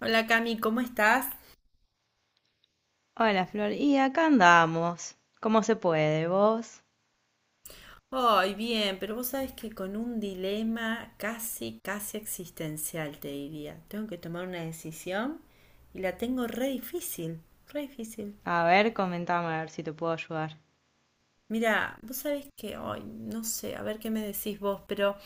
Hola Cami, ¿cómo estás? Hola Flor, y acá andamos. ¿Cómo se puede vos? Ay, bien, pero vos sabés que con un dilema casi existencial, te diría. Tengo que tomar una decisión y la tengo re difícil, re difícil. A ver, comentame a ver si te puedo ayudar. Mira, vos sabés que, ay, no sé, a ver qué me decís vos, pero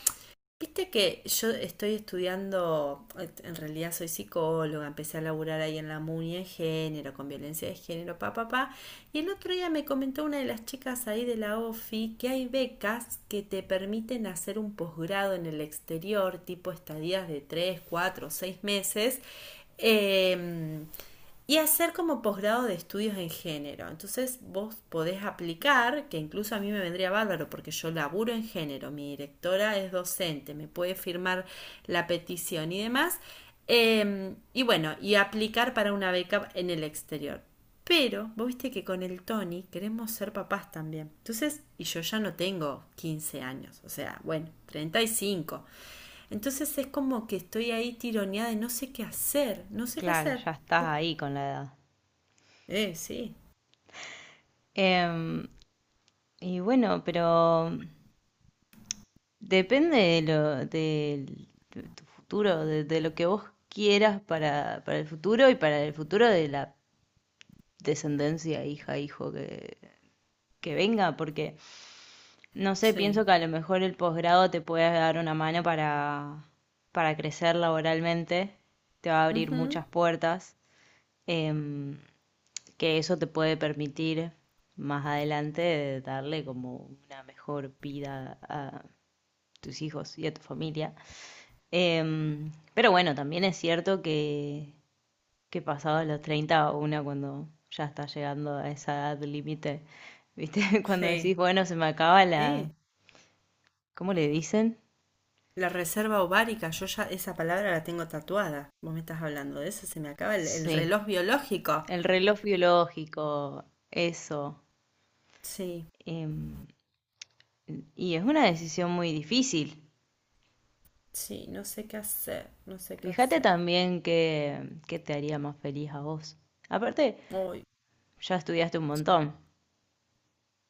viste que yo estoy estudiando, en realidad soy psicóloga, empecé a laburar ahí en la MUNI en género, con violencia de género, pa, pa, pa. Y el otro día me comentó una de las chicas ahí de la OFI que hay becas que te permiten hacer un posgrado en el exterior, tipo estadías de 3 4 6 meses, em, y hacer como posgrado de estudios en género. Entonces vos podés aplicar, que incluso a mí me vendría bárbaro porque yo laburo en género, mi directora es docente, me puede firmar la petición y demás. Y bueno, y aplicar para una beca en el exterior. Pero vos viste que con el Tony queremos ser papás también. Entonces, y yo ya no tengo 15 años, o sea, bueno, 35. Entonces es como que estoy ahí tironeada y no sé qué hacer, no sé qué Claro, hacer. ya estás ¿Vos ahí con la edad. Sí, Em, y bueno, pero depende de tu futuro, de lo que vos quieras para el futuro y para el futuro de la descendencia, hija, que venga, porque no sé, sí. pienso que a lo mejor el posgrado te puede dar una mano para crecer laboralmente, te va a abrir Ujú, muchas puertas. em, que eso te puede permitir más adelante darle como una mejor vida a tus hijos y a tu familia. Pero bueno, también es cierto que pasados los 30 una cuando ya está llegando a esa edad límite, ¿viste? Cuando sí, decís, bueno, se me acaba la... sí. ¿Cómo le dicen? La reserva ovárica, yo ya esa palabra la tengo tatuada. Vos me estás hablando de eso, se me acaba el Sí, reloj biológico. el reloj biológico, eso. Sí, em, y es una decisión muy difícil. sí, no sé qué hacer, no sé qué Fíjate hacer. también qué te haría más feliz a vos. Aparte, Ay, ya estudiaste un montón.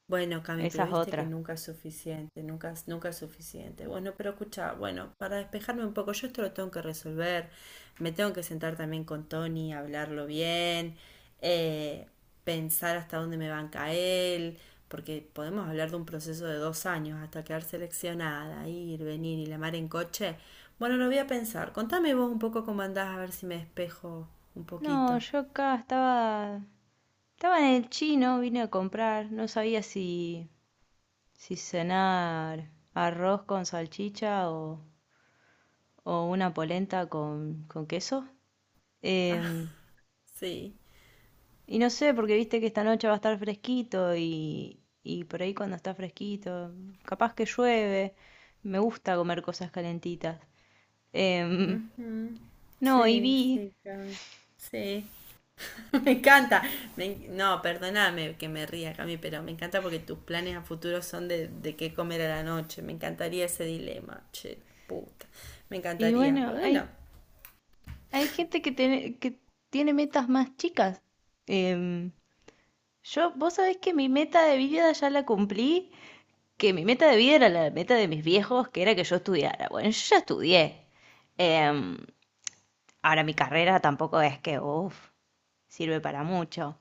bueno, Cami, pero Esa es viste que otra. nunca es suficiente, nunca es suficiente. Bueno, pero escucha, bueno, para despejarme un poco, yo esto lo tengo que resolver, me tengo que sentar también con Tony, hablarlo bien, eh, pensar hasta dónde me banca él, porque podemos hablar de un proceso de 2 años hasta quedar seleccionada, ir, venir y la mar en coche. Bueno, lo voy a pensar. Contame vos un poco cómo andás, a ver si me despejo un No, poquito. yo acá estaba, estaba en el chino, vine a comprar. No sabía si cenar arroz con salchicha o una polenta con queso. Em, Sí. Y no sé, porque viste que esta noche va a estar fresquito y por ahí cuando está fresquito, capaz que llueve. Me gusta comer cosas calentitas. Em, Ujú. no, y Sí, vi, sí, Cami. Sí. Me encanta. Me- no, perdóname que me ría, Cami, pero me encanta porque tus planes a futuro son de qué comer a la noche. Me encantaría ese dilema, che, puta. Me y encantaría, bueno, pero bueno. Hay gente que tiene metas más chicas. Em, yo, vos sabés que mi meta de vida ya la cumplí, que mi meta de vida era la meta de mis viejos, que era que yo estudiara. Bueno, yo ya estudié. Em, Ahora mi carrera tampoco es que, uff, sirve para mucho.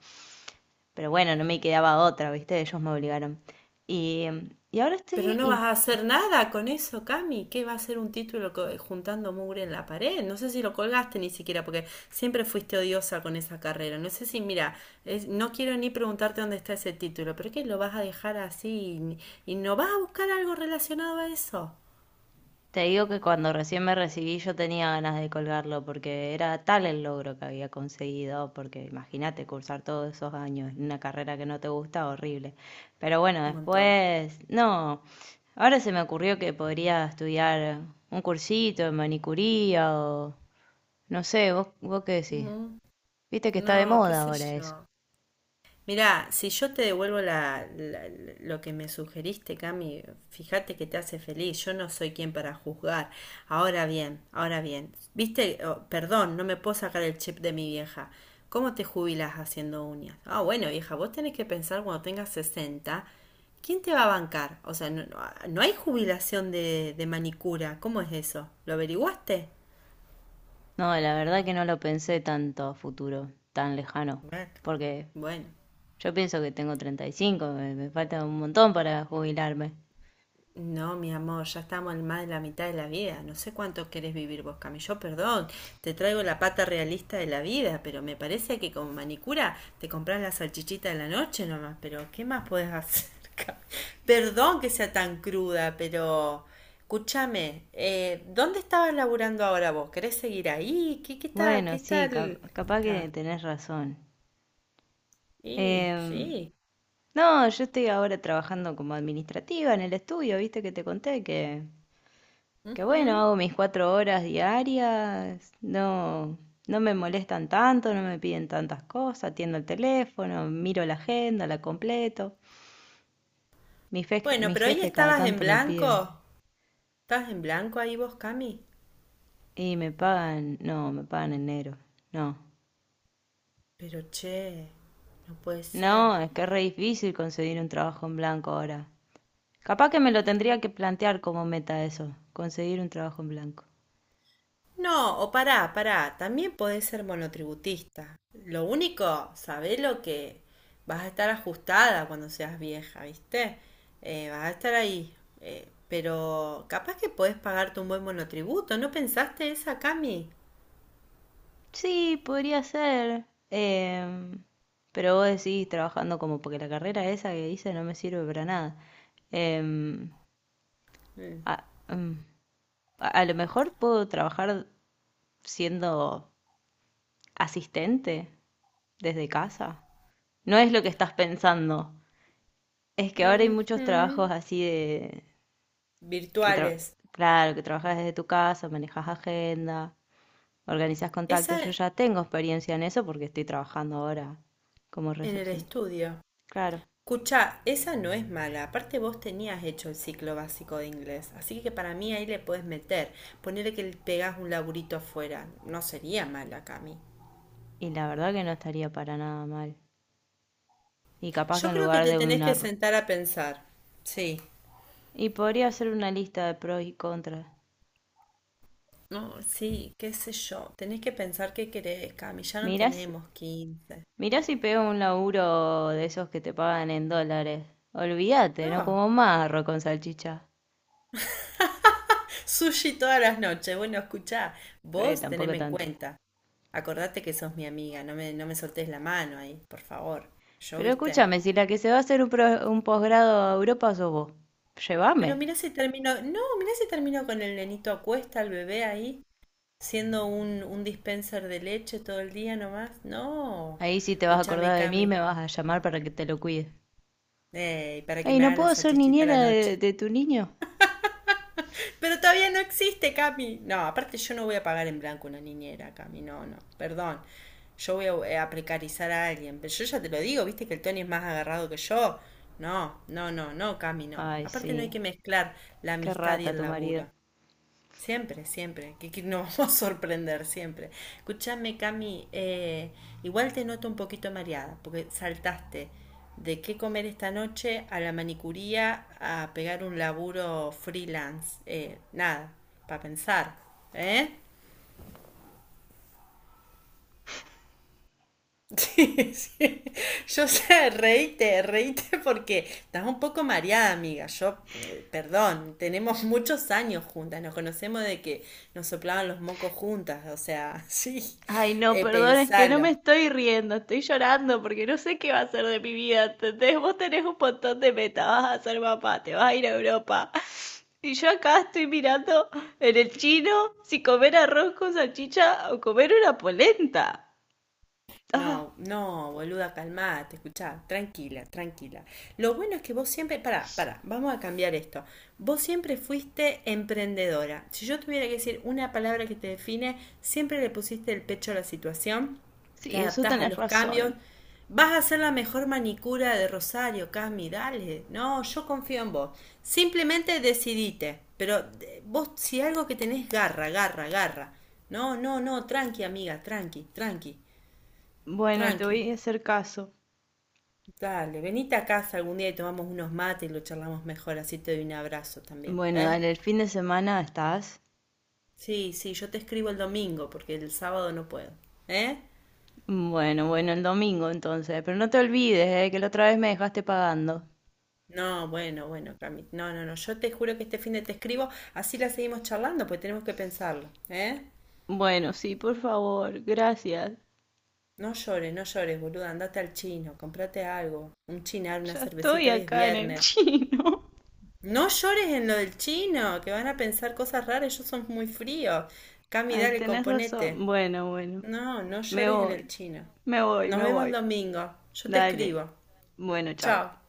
Pero bueno, no me quedaba otra, ¿viste? Ellos me obligaron. Y, y ahora Pero estoy, no vas y a hacer nada con eso, Cami. ¿Qué va a ser un título co- juntando mugre en la pared? No sé si lo colgaste ni siquiera, porque siempre fuiste odiosa con esa carrera. No sé si, mira, es- no quiero ni preguntarte dónde está ese título, pero ¿qué lo vas a dejar así y no vas a buscar algo relacionado a eso? te digo que cuando recién me recibí yo tenía ganas de colgarlo porque era tal el logro que había conseguido, porque imagínate cursar todos esos años en una carrera que no te gusta, horrible. Pero bueno, Un montón. después, no, ahora se me ocurrió que podría estudiar un cursito de manicuría o, no sé, vos qué decís. Ujú. Viste que está de No, qué moda sé ahora eso. yo. Mirá, si yo te devuelvo lo que me sugeriste, Cami, fíjate que te hace feliz. Yo no soy quien para juzgar. Ahora bien, ahora bien. Viste, oh, perdón, no me puedo sacar el chip de mi vieja. ¿Cómo te jubilas haciendo uñas? Ah, bueno, vieja, vos tenés que pensar cuando tengas 60. ¿Quién te va a bancar? O sea, no, no- no hay jubilación de manicura. ¿Cómo es eso? ¿Lo averiguaste? No, la verdad que no lo pensé tanto a futuro, tan lejano, Bueno, porque bueno. yo pienso que tengo 35, me falta un montón para jubilarme. No, mi amor, ya estamos en más de la mitad de la vida. No sé cuánto querés vivir vos, Cami. Yo, perdón, te traigo la pata realista de la vida, pero me parece que con manicura te compras la salchichita de la noche nomás. Pero, ¿qué más podés hacer, Cami? Perdón que sea tan cruda, pero... Escúchame, ¿dónde estabas laburando ahora vos? ¿Querés seguir ahí? Qué tal? Bueno, ¿Qué sí, tal? capaz que Está. tenés razón. Sí, Em, sí. no, yo estoy ahora trabajando como administrativa en el estudio, viste que te conté que bueno, Ujú. hago mis 4 horas diarias, no, no me molestan tanto, no me piden tantas cosas, atiendo el teléfono, miro la agenda, la completo. Bueno, Mi pero hoy jefe cada estabas en tanto me pide. blanco. ¿Estabas en blanco ahí vos, Cami? Y me pagan, no, me pagan en negro. No. Pero che, no puede ser. No, es que es re difícil conseguir un trabajo en blanco ahora. Capaz que me lo tendría que plantear como meta eso, conseguir un trabajo en blanco. No, o pará, pará, también podés ser monotributista. Lo único, sabés lo que vas a estar ajustada cuando seas vieja, ¿viste? Vas a estar ahí. Pero capaz que podés pagarte un buen monotributo, ¿no pensaste esa, Cami? Sí, podría ser. Pero vos decís trabajando como porque la carrera esa que hice no me sirve para nada. Em, Mm. a, em, a lo mejor puedo trabajar siendo asistente desde casa. No es lo que estás pensando. Es que ahora hay muchos trabajos Ujú. así de que tra- Virtuales. claro, que trabajas desde tu casa, manejas agenda, organizas Esa contactos. Yo ya tengo experiencia en eso porque estoy trabajando ahora como en el recepcionista. estudio. Claro, Escucha, esa no es mala. Aparte vos tenías hecho el ciclo básico de inglés, así que para mí ahí le puedes meter. Ponerle que le pegás un laburito afuera. No sería mala, Cami. y la verdad que no estaría para nada mal. Y capaz que Yo en creo que lugar te tenés que sentar a pensar. Sí. y podría hacer una lista de pros y contras. No, sí, qué sé yo. Tenés que pensar qué querés, Cami. Ya no Mirás, tenemos quince. mirá si pego un laburo de esos que te pagan en dólares. Olvídate, no Ah, como marro con salchicha. sushi todas las noches. Bueno, escuchá, vos Tampoco teneme en tanto. cuenta. Acordate que sos mi amiga. No me soltés la mano ahí, por favor. Yo, Pero viste. escúchame, si la que se va a hacer un posgrado a Europa sos vos, llévame. Pero mirá si terminó, no, mirá si terminó con el nenito a cuesta, el bebé ahí, siendo un dispenser de leche todo el día nomás. No, Ahí sí te vas a escúchame, acordar de mí y Cami, me vas a llamar para que te lo cuide. ey, para que Ey, me ¿no haga la puedo ser salchichita a la niñera noche. de tu niño? Pero todavía no existe, Cami. No, aparte yo no voy a pagar en blanco una niñera, Cami, no, no, perdón. Yo voy a precarizar a alguien, pero yo ya te lo digo, viste que el Tony es más agarrado que yo. No, no, no, no, Cami, no. Ay, Aparte no hay sí, que mezclar la qué amistad y rata el tu marido. laburo. Siempre, siempre, que nos vamos a sorprender siempre. Escúchame, Cami, igual te noto un poquito mareada, porque saltaste de qué comer esta noche a la manicuría a pegar un laburo freelance. Nada, para pensar, ¿eh? Sí, sí. Yo sé, reíte, reíte porque estás un poco mareada, amiga. Yo, perdón, tenemos muchos años juntas, nos conocemos de que nos soplaban los mocos juntas, o sea, sí, Ay, no, perdón, es que no me pensalo. estoy riendo, estoy llorando porque no sé qué va a ser de mi vida, ¿entendés? Vos tenés un montón de metas, vas a ser papá, te vas a ir a Europa. Y yo acá estoy mirando en el chino si comer arroz con salchicha o comer una polenta. Ah. No, no, boluda, calmate, escuchá, tranquila, tranquila. Lo bueno es que vos siempre, pará, pará, vamos a cambiar esto. Vos siempre fuiste emprendedora. Si yo tuviera que decir una palabra que te define, siempre le pusiste el pecho a la situación, Sí, te eso adaptás a tenés los cambios. razón. Vas a ser la mejor manicura de Rosario, Cami, dale. No, yo confío en vos. Simplemente decidite. Pero vos, si algo que tenés, garra, garra, garra. No, no, no, tranqui, amiga, tranqui, tranqui. Bueno, te Tranqui. voy a hacer caso. Dale, venite a casa algún día y tomamos unos mates y lo charlamos mejor, así te doy un abrazo también, Bueno, ¿eh? dale, el fin de semana estás. Sí, sí, yo te escribo el domingo porque el sábado no puedo, ¿eh? Bueno, bueno, el domingo entonces. Pero no te olvides, que la otra vez me dejaste pagando. No, bueno, bueno, Cami, no, no, no, yo te juro que este fin de te escribo, así la seguimos charlando, pues tenemos que pensarlo, ¿eh? Bueno, sí, por favor, gracias. No llores, no llores, boluda, andate al chino, comprate algo, un chinar, una Ya estoy cervecita, hoy es acá en el viernes. chino. No llores en lo del chino, que van a pensar cosas raras, ellos son muy fríos. Cami, Ay, dale, tenés razón. componete. Bueno, bueno. No, no Me llores en el voy, chino. me voy, Nos me vemos el voy. domingo. Yo te Dale. escribo. Bueno, chao. Chao.